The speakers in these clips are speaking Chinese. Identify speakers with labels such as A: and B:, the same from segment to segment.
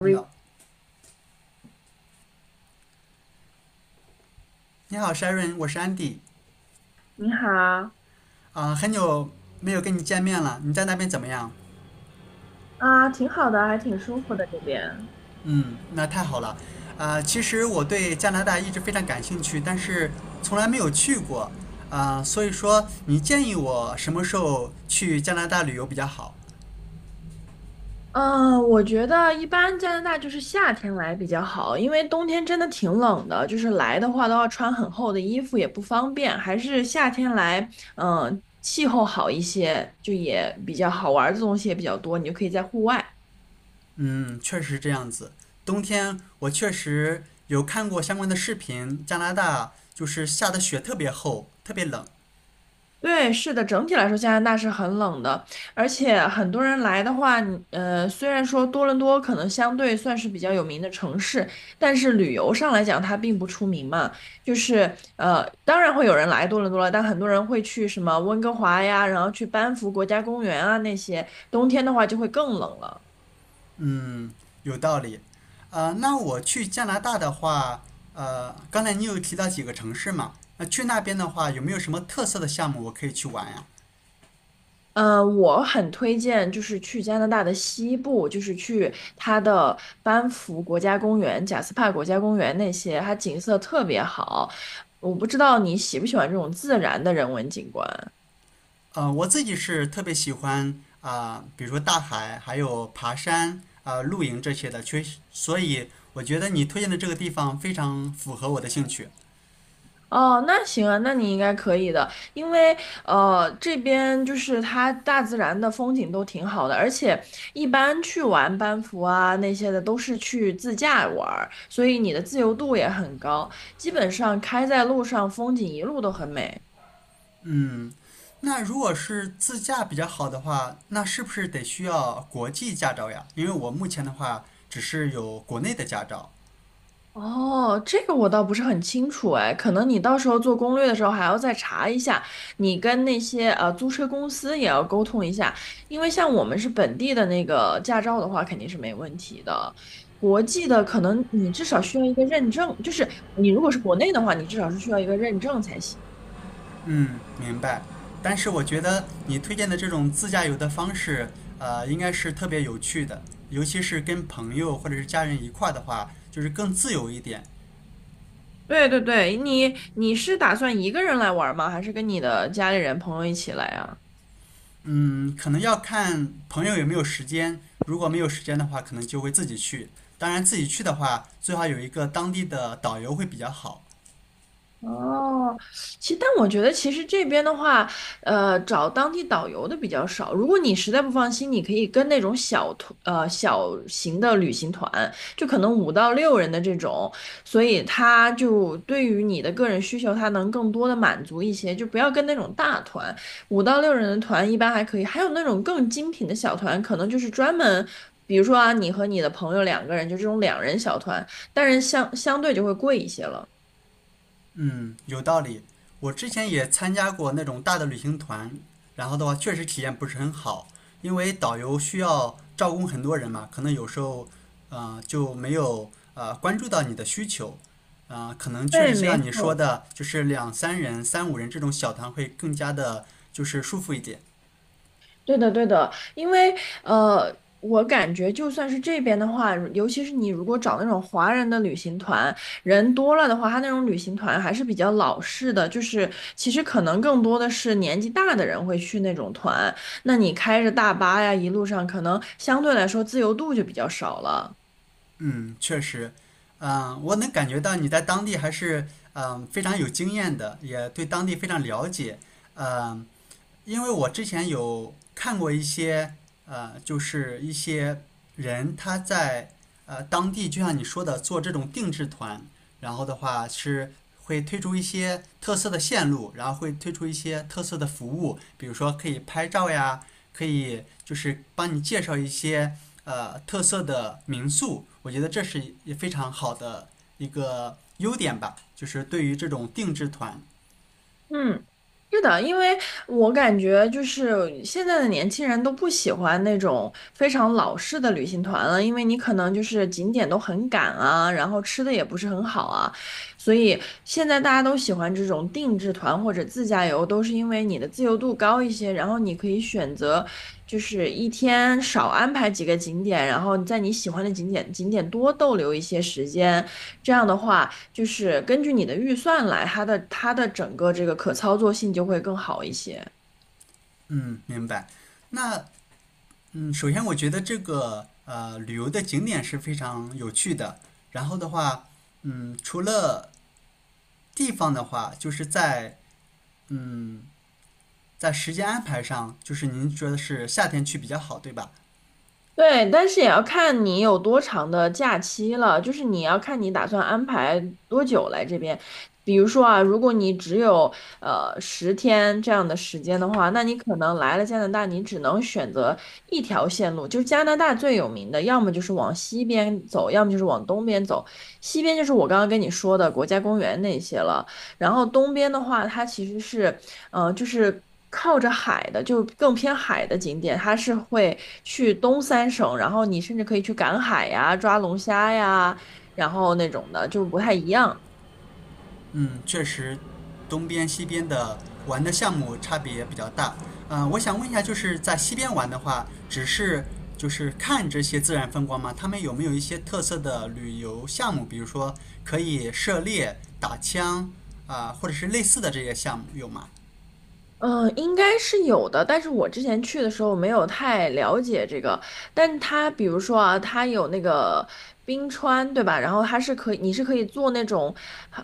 A: h e
B: r
A: 你好，Sharon，我是 Andy。
B: 你好
A: 很久没有跟你见面了，你在那边怎么样？
B: 啊，挺好的，还挺舒服的这边。
A: 嗯，那太好了。其实我对加拿大一直非常感兴趣，但是从来没有去过。所以说你建议我什么时候去加拿大旅游比较好？
B: 嗯，我觉得一般加拿大就是夏天来比较好，因为冬天真的挺冷的，就是来的话都要穿很厚的衣服，也不方便，还是夏天来，嗯，气候好一些，就也比较好玩儿的东西也比较多，你就可以在户外。
A: 嗯，确实是这样子。冬天我确实有看过相关的视频，加拿大就是下的雪特别厚，特别冷。
B: 对，是的，整体来说加拿大是很冷的，而且很多人来的话，虽然说多伦多可能相对算是比较有名的城市，但是旅游上来讲它并不出名嘛。当然会有人来多伦多了，但很多人会去什么温哥华呀，然后去班夫国家公园啊那些，冬天的话就会更冷了。
A: 嗯，有道理。那我去加拿大的话，刚才你有提到几个城市嘛？那去那边的话，有没有什么特色的项目我可以去玩呀？
B: 嗯，我很推荐，就是去加拿大的西部，就是去它的班夫国家公园、贾斯帕国家公园那些，它景色特别好。我不知道你喜不喜欢这种自然的人文景观。
A: 我自己是特别喜欢比如说大海，还有爬山、露营这些的，确实，所以我觉得你推荐的这个地方非常符合我的兴趣。
B: 哦，那行啊，那你应该可以的，因为这边就是它大自然的风景都挺好的，而且一般去玩班夫啊那些的都是去自驾玩儿，所以你的自由度也很高，基本上开在路上，风景一路都很美。
A: 嗯，那如果是自驾比较好的话，那是不是得需要国际驾照呀？因为我目前的话只是有国内的驾照。
B: 哦，这个我倒不是很清楚哎，可能你到时候做攻略的时候还要再查一下，你跟那些租车公司也要沟通一下，因为像我们是本地的那个驾照的话，肯定是没问题的。国际的可能你至少需要一个认证，就是你如果是国内的话，你至少是需要一个认证才行。
A: 嗯，明白。但是我觉得你推荐的这种自驾游的方式，应该是特别有趣的，尤其是跟朋友或者是家人一块儿的话，就是更自由一点。
B: 对对对，你是打算一个人来玩吗？还是跟你的家里人朋友一起来啊？
A: 嗯，可能要看朋友有没有时间，如果没有时间的话，可能就会自己去。当然，自己去的话，最好有一个当地的导游会比较好。
B: 哦，但我觉得其实这边的话，找当地导游的比较少。如果你实在不放心，你可以跟那种小团，小型的旅行团，就可能五到六人的这种，所以他就对于你的个人需求，他能更多的满足一些，就不要跟那种大团，五到六人的团一般还可以，还有那种更精品的小团，可能就是专门。比如说啊，你和你的朋友两个人，就这种两人小团，但是相对就会贵一些了。
A: 嗯，有道理。我之前也参加过那种大的旅行团，然后的话确实体验不是很好，因为导游需要照顾很多人嘛，可能有时候，就没有关注到你的需求，可能确实
B: 对，
A: 就
B: 没
A: 像你说
B: 错。
A: 的，就是两三人、三五人这种小团会更加的，就是舒服一点。
B: 对的，对的，因为呃，我感觉就算是这边的话，尤其是你如果找那种华人的旅行团，人多了的话，他那种旅行团还是比较老式的，就是其实可能更多的是年纪大的人会去那种团，那你开着大巴呀，一路上可能相对来说自由度就比较少了。
A: 嗯，确实，嗯，我能感觉到你在当地还是嗯非常有经验的，也对当地非常了解。嗯、因为我之前有看过一些，就是一些人他在当地，就像你说的做这种定制团，然后的话是会推出一些特色的线路，然后会推出一些特色的服务，比如说可以拍照呀，可以就是帮你介绍一些特色的民宿，我觉得这是也非常好的一个优点吧，就是对于这种定制团，
B: 嗯，是的，因为我感觉就是现在的年轻人都不喜欢那种非常老式的旅行团了，因为你可能就是景点都很赶啊，然后吃的也不是很好啊，所以现在大家都喜欢这种定制团或者自驾游，都是因为你的自由度高一些，然后你可以选择就是一天少安排几个景点，然后在你喜欢的景点多逗留一些时间，这样的话。就是根据你的预算来，它的整个这个可操作性就会更好一些。
A: 嗯，明白。那嗯，首先我觉得这个旅游的景点是非常有趣的。然后的话，嗯，除了地方的话，就是在嗯在时间安排上，就是您觉得是夏天去比较好，对吧？
B: 对，但是也要看你有多长的假期了，就是你要看你打算安排多久来这边。比如说啊，如果你只有十天这样的时间的话，那你可能来了加拿大，你只能选择一条线路，就是加拿大最有名的，要么就是往西边走，要么就是往东边走。西边就是我刚刚跟你说的国家公园那些了，然后东边的话，它其实是靠着海的，就更偏海的景点，它是会去东三省，然后你甚至可以去赶海呀、抓龙虾呀，然后那种的，就不太一样。
A: 嗯，确实，东边西边的玩的项目差别比较大。我想问一下，就是在西边玩的话，只是就是看这些自然风光吗？他们有没有一些特色的旅游项目？比如说可以狩猎、打枪或者是类似的这些项目有吗？
B: 嗯，应该是有的，但是我之前去的时候没有太了解这个。但它比如说啊，它有那个冰川，对吧？然后它是可以，你是可以坐那种，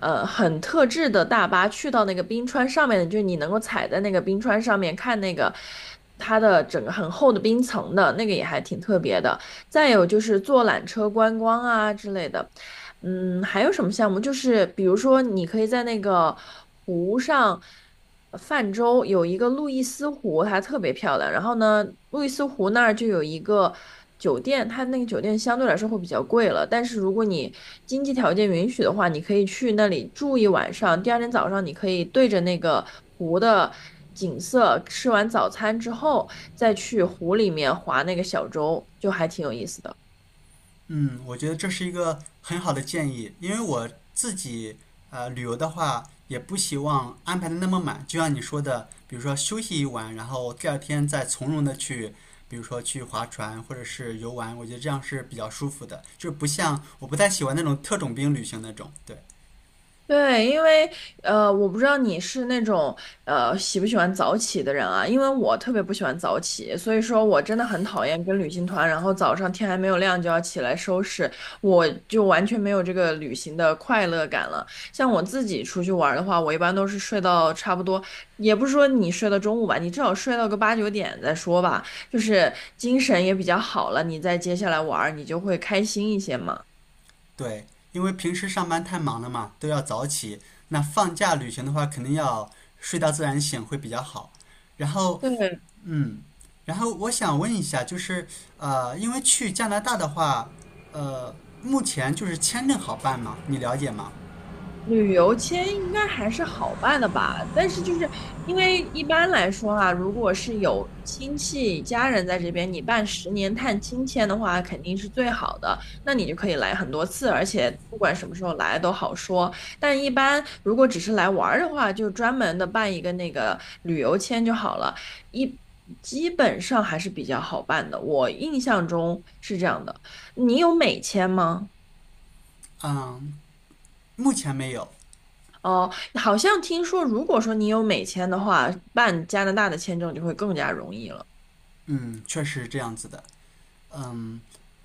B: 呃，很特制的大巴去到那个冰川上面的，就是你能够踩在那个冰川上面看那个它的整个很厚的冰层的，那个也还挺特别的。再有就是坐缆车观光啊之类的。嗯，还有什么项目？就是比如说，你可以在那个湖上泛舟有一个路易斯湖，它特别漂亮。然后呢，路易斯湖那儿就有一个酒店，它那个酒店相对来说会比较贵了。但是如果你经济条件允许的话，你可以去那里住一晚上，第二天早上你可以对着那个湖的景色，吃完早餐之后再去湖里面划那个小舟，就还挺有意思的。
A: 嗯，我觉得这是一个很好的建议，因为我自己旅游的话，也不希望安排的那么满，就像你说的，比如说休息一晚，然后第二天再从容的去，比如说去划船或者是游玩，我觉得这样是比较舒服的，就是不像我不太喜欢那种特种兵旅行那种，对
B: 对，因为我不知道你是那种喜不喜欢早起的人啊，因为我特别不喜欢早起，所以说我真的很讨厌跟旅行团，然后早上天还没有亮就要起来收拾，我就完全没有这个旅行的快乐感了。像我自己出去玩儿的话，我一般都是睡到差不多，也不是说你睡到中午吧，你至少睡到个8、9点再说吧，就是精神也比较好了，你再接下来玩儿，你就会开心一些嘛。
A: 对，因为平时上班太忙了嘛，都要早起，那放假旅行的话，肯定要睡到自然醒会比较好。然后
B: 对。
A: 嗯，然后我想问一下，就是因为去加拿大的话，呃，目前就是签证好办吗？你了解吗？
B: 旅游签应该还是好办的吧，但是就是因为一般来说啊，如果是有亲戚家人在这边，你办10年探亲签的话，肯定是最好的，那你就可以来很多次，而且不管什么时候来都好说。但一般如果只是来玩儿的话，就专门的办一个那个旅游签就好了，一基本上还是比较好办的，我印象中是这样的。你有美签吗？
A: 嗯，目前没有。
B: 哦，好像听说，如果说你有美签的话，办加拿大的签证就会更加容易了。
A: 嗯，确实这样子的。嗯，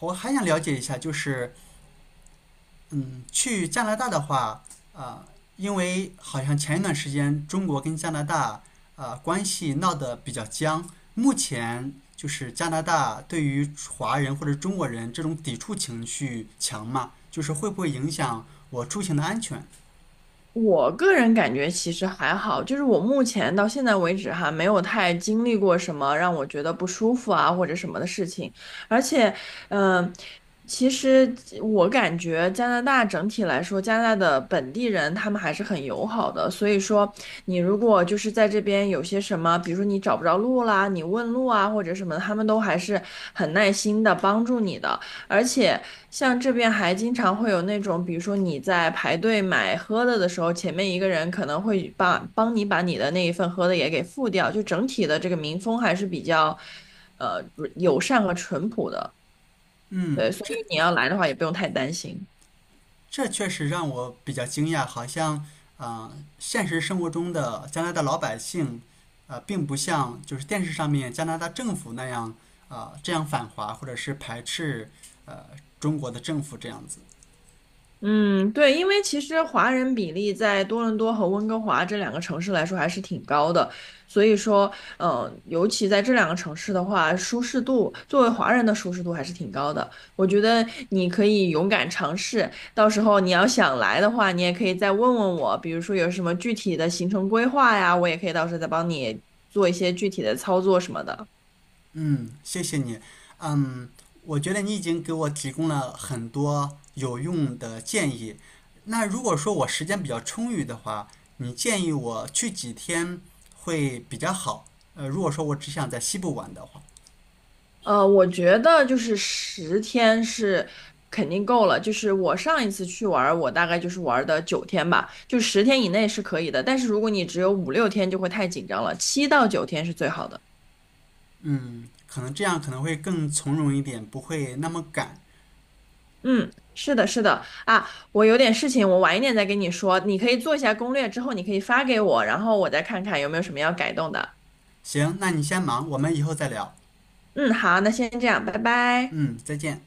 A: 我还想了解一下，就是嗯，去加拿大的话，啊、因为好像前一段时间中国跟加拿大啊关系闹得比较僵，目前就是加拿大对于华人或者中国人这种抵触情绪强嘛，就是会不会影响我出行的安全？
B: 我个人感觉其实还好，就是我目前到现在为止哈，没有太经历过什么让我觉得不舒服啊或者什么的事情，而且，嗯、其实我感觉加拿大整体来说，加拿大的本地人他们还是很友好的，所以说你如果就是在这边有些什么，比如说你找不着路啦，你问路啊或者什么的，他们都还是很耐心的帮助你的。而且像这边还经常会有那种，比如说你在排队买喝的的时候，前面一个人可能会把帮你把你的那一份喝的也给付掉，就整体的这个民风还是比较，呃，友善和淳朴的。
A: 嗯，
B: 对，所以
A: 这
B: 你要来的话也不用太担心。
A: 这确实让我比较惊讶，好像啊、呃现实生活中的加拿大老百姓，并不像就是电视上面加拿大政府那样这样反华或者是排斥呃中国的政府这样子。
B: 嗯，对，因为其实华人比例在多伦多和温哥华这两个城市来说还是挺高的，所以说，嗯，尤其在这两个城市的话，舒适度作为华人的舒适度还是挺高的。我觉得你可以勇敢尝试，到时候你要想来的话，你也可以再问问我，比如说有什么具体的行程规划呀，我也可以到时候再帮你做一些具体的操作什么的。
A: 嗯，谢谢你。嗯，我觉得你已经给我提供了很多有用的建议。那如果说我时间比较充裕的话，你建议我去几天会比较好？如果说我只想在西部玩的话。
B: 我觉得就是十天是肯定够了。就是我上一次去玩儿，我大概就是玩儿的九天吧，就十天以内是可以的。但是如果你只有5、6天，就会太紧张了，7到9天是最好的。
A: 嗯，可能这样可能会更从容一点，不会那么赶。
B: 嗯，是的，是的啊，我有点事情，我晚一点再跟你说。你可以做一下攻略，之后你可以发给我，然后我再看看有没有什么要改动的。
A: 行，那你先忙，我们以后再聊。
B: 嗯，好，那先这样，拜拜。
A: 嗯，再见。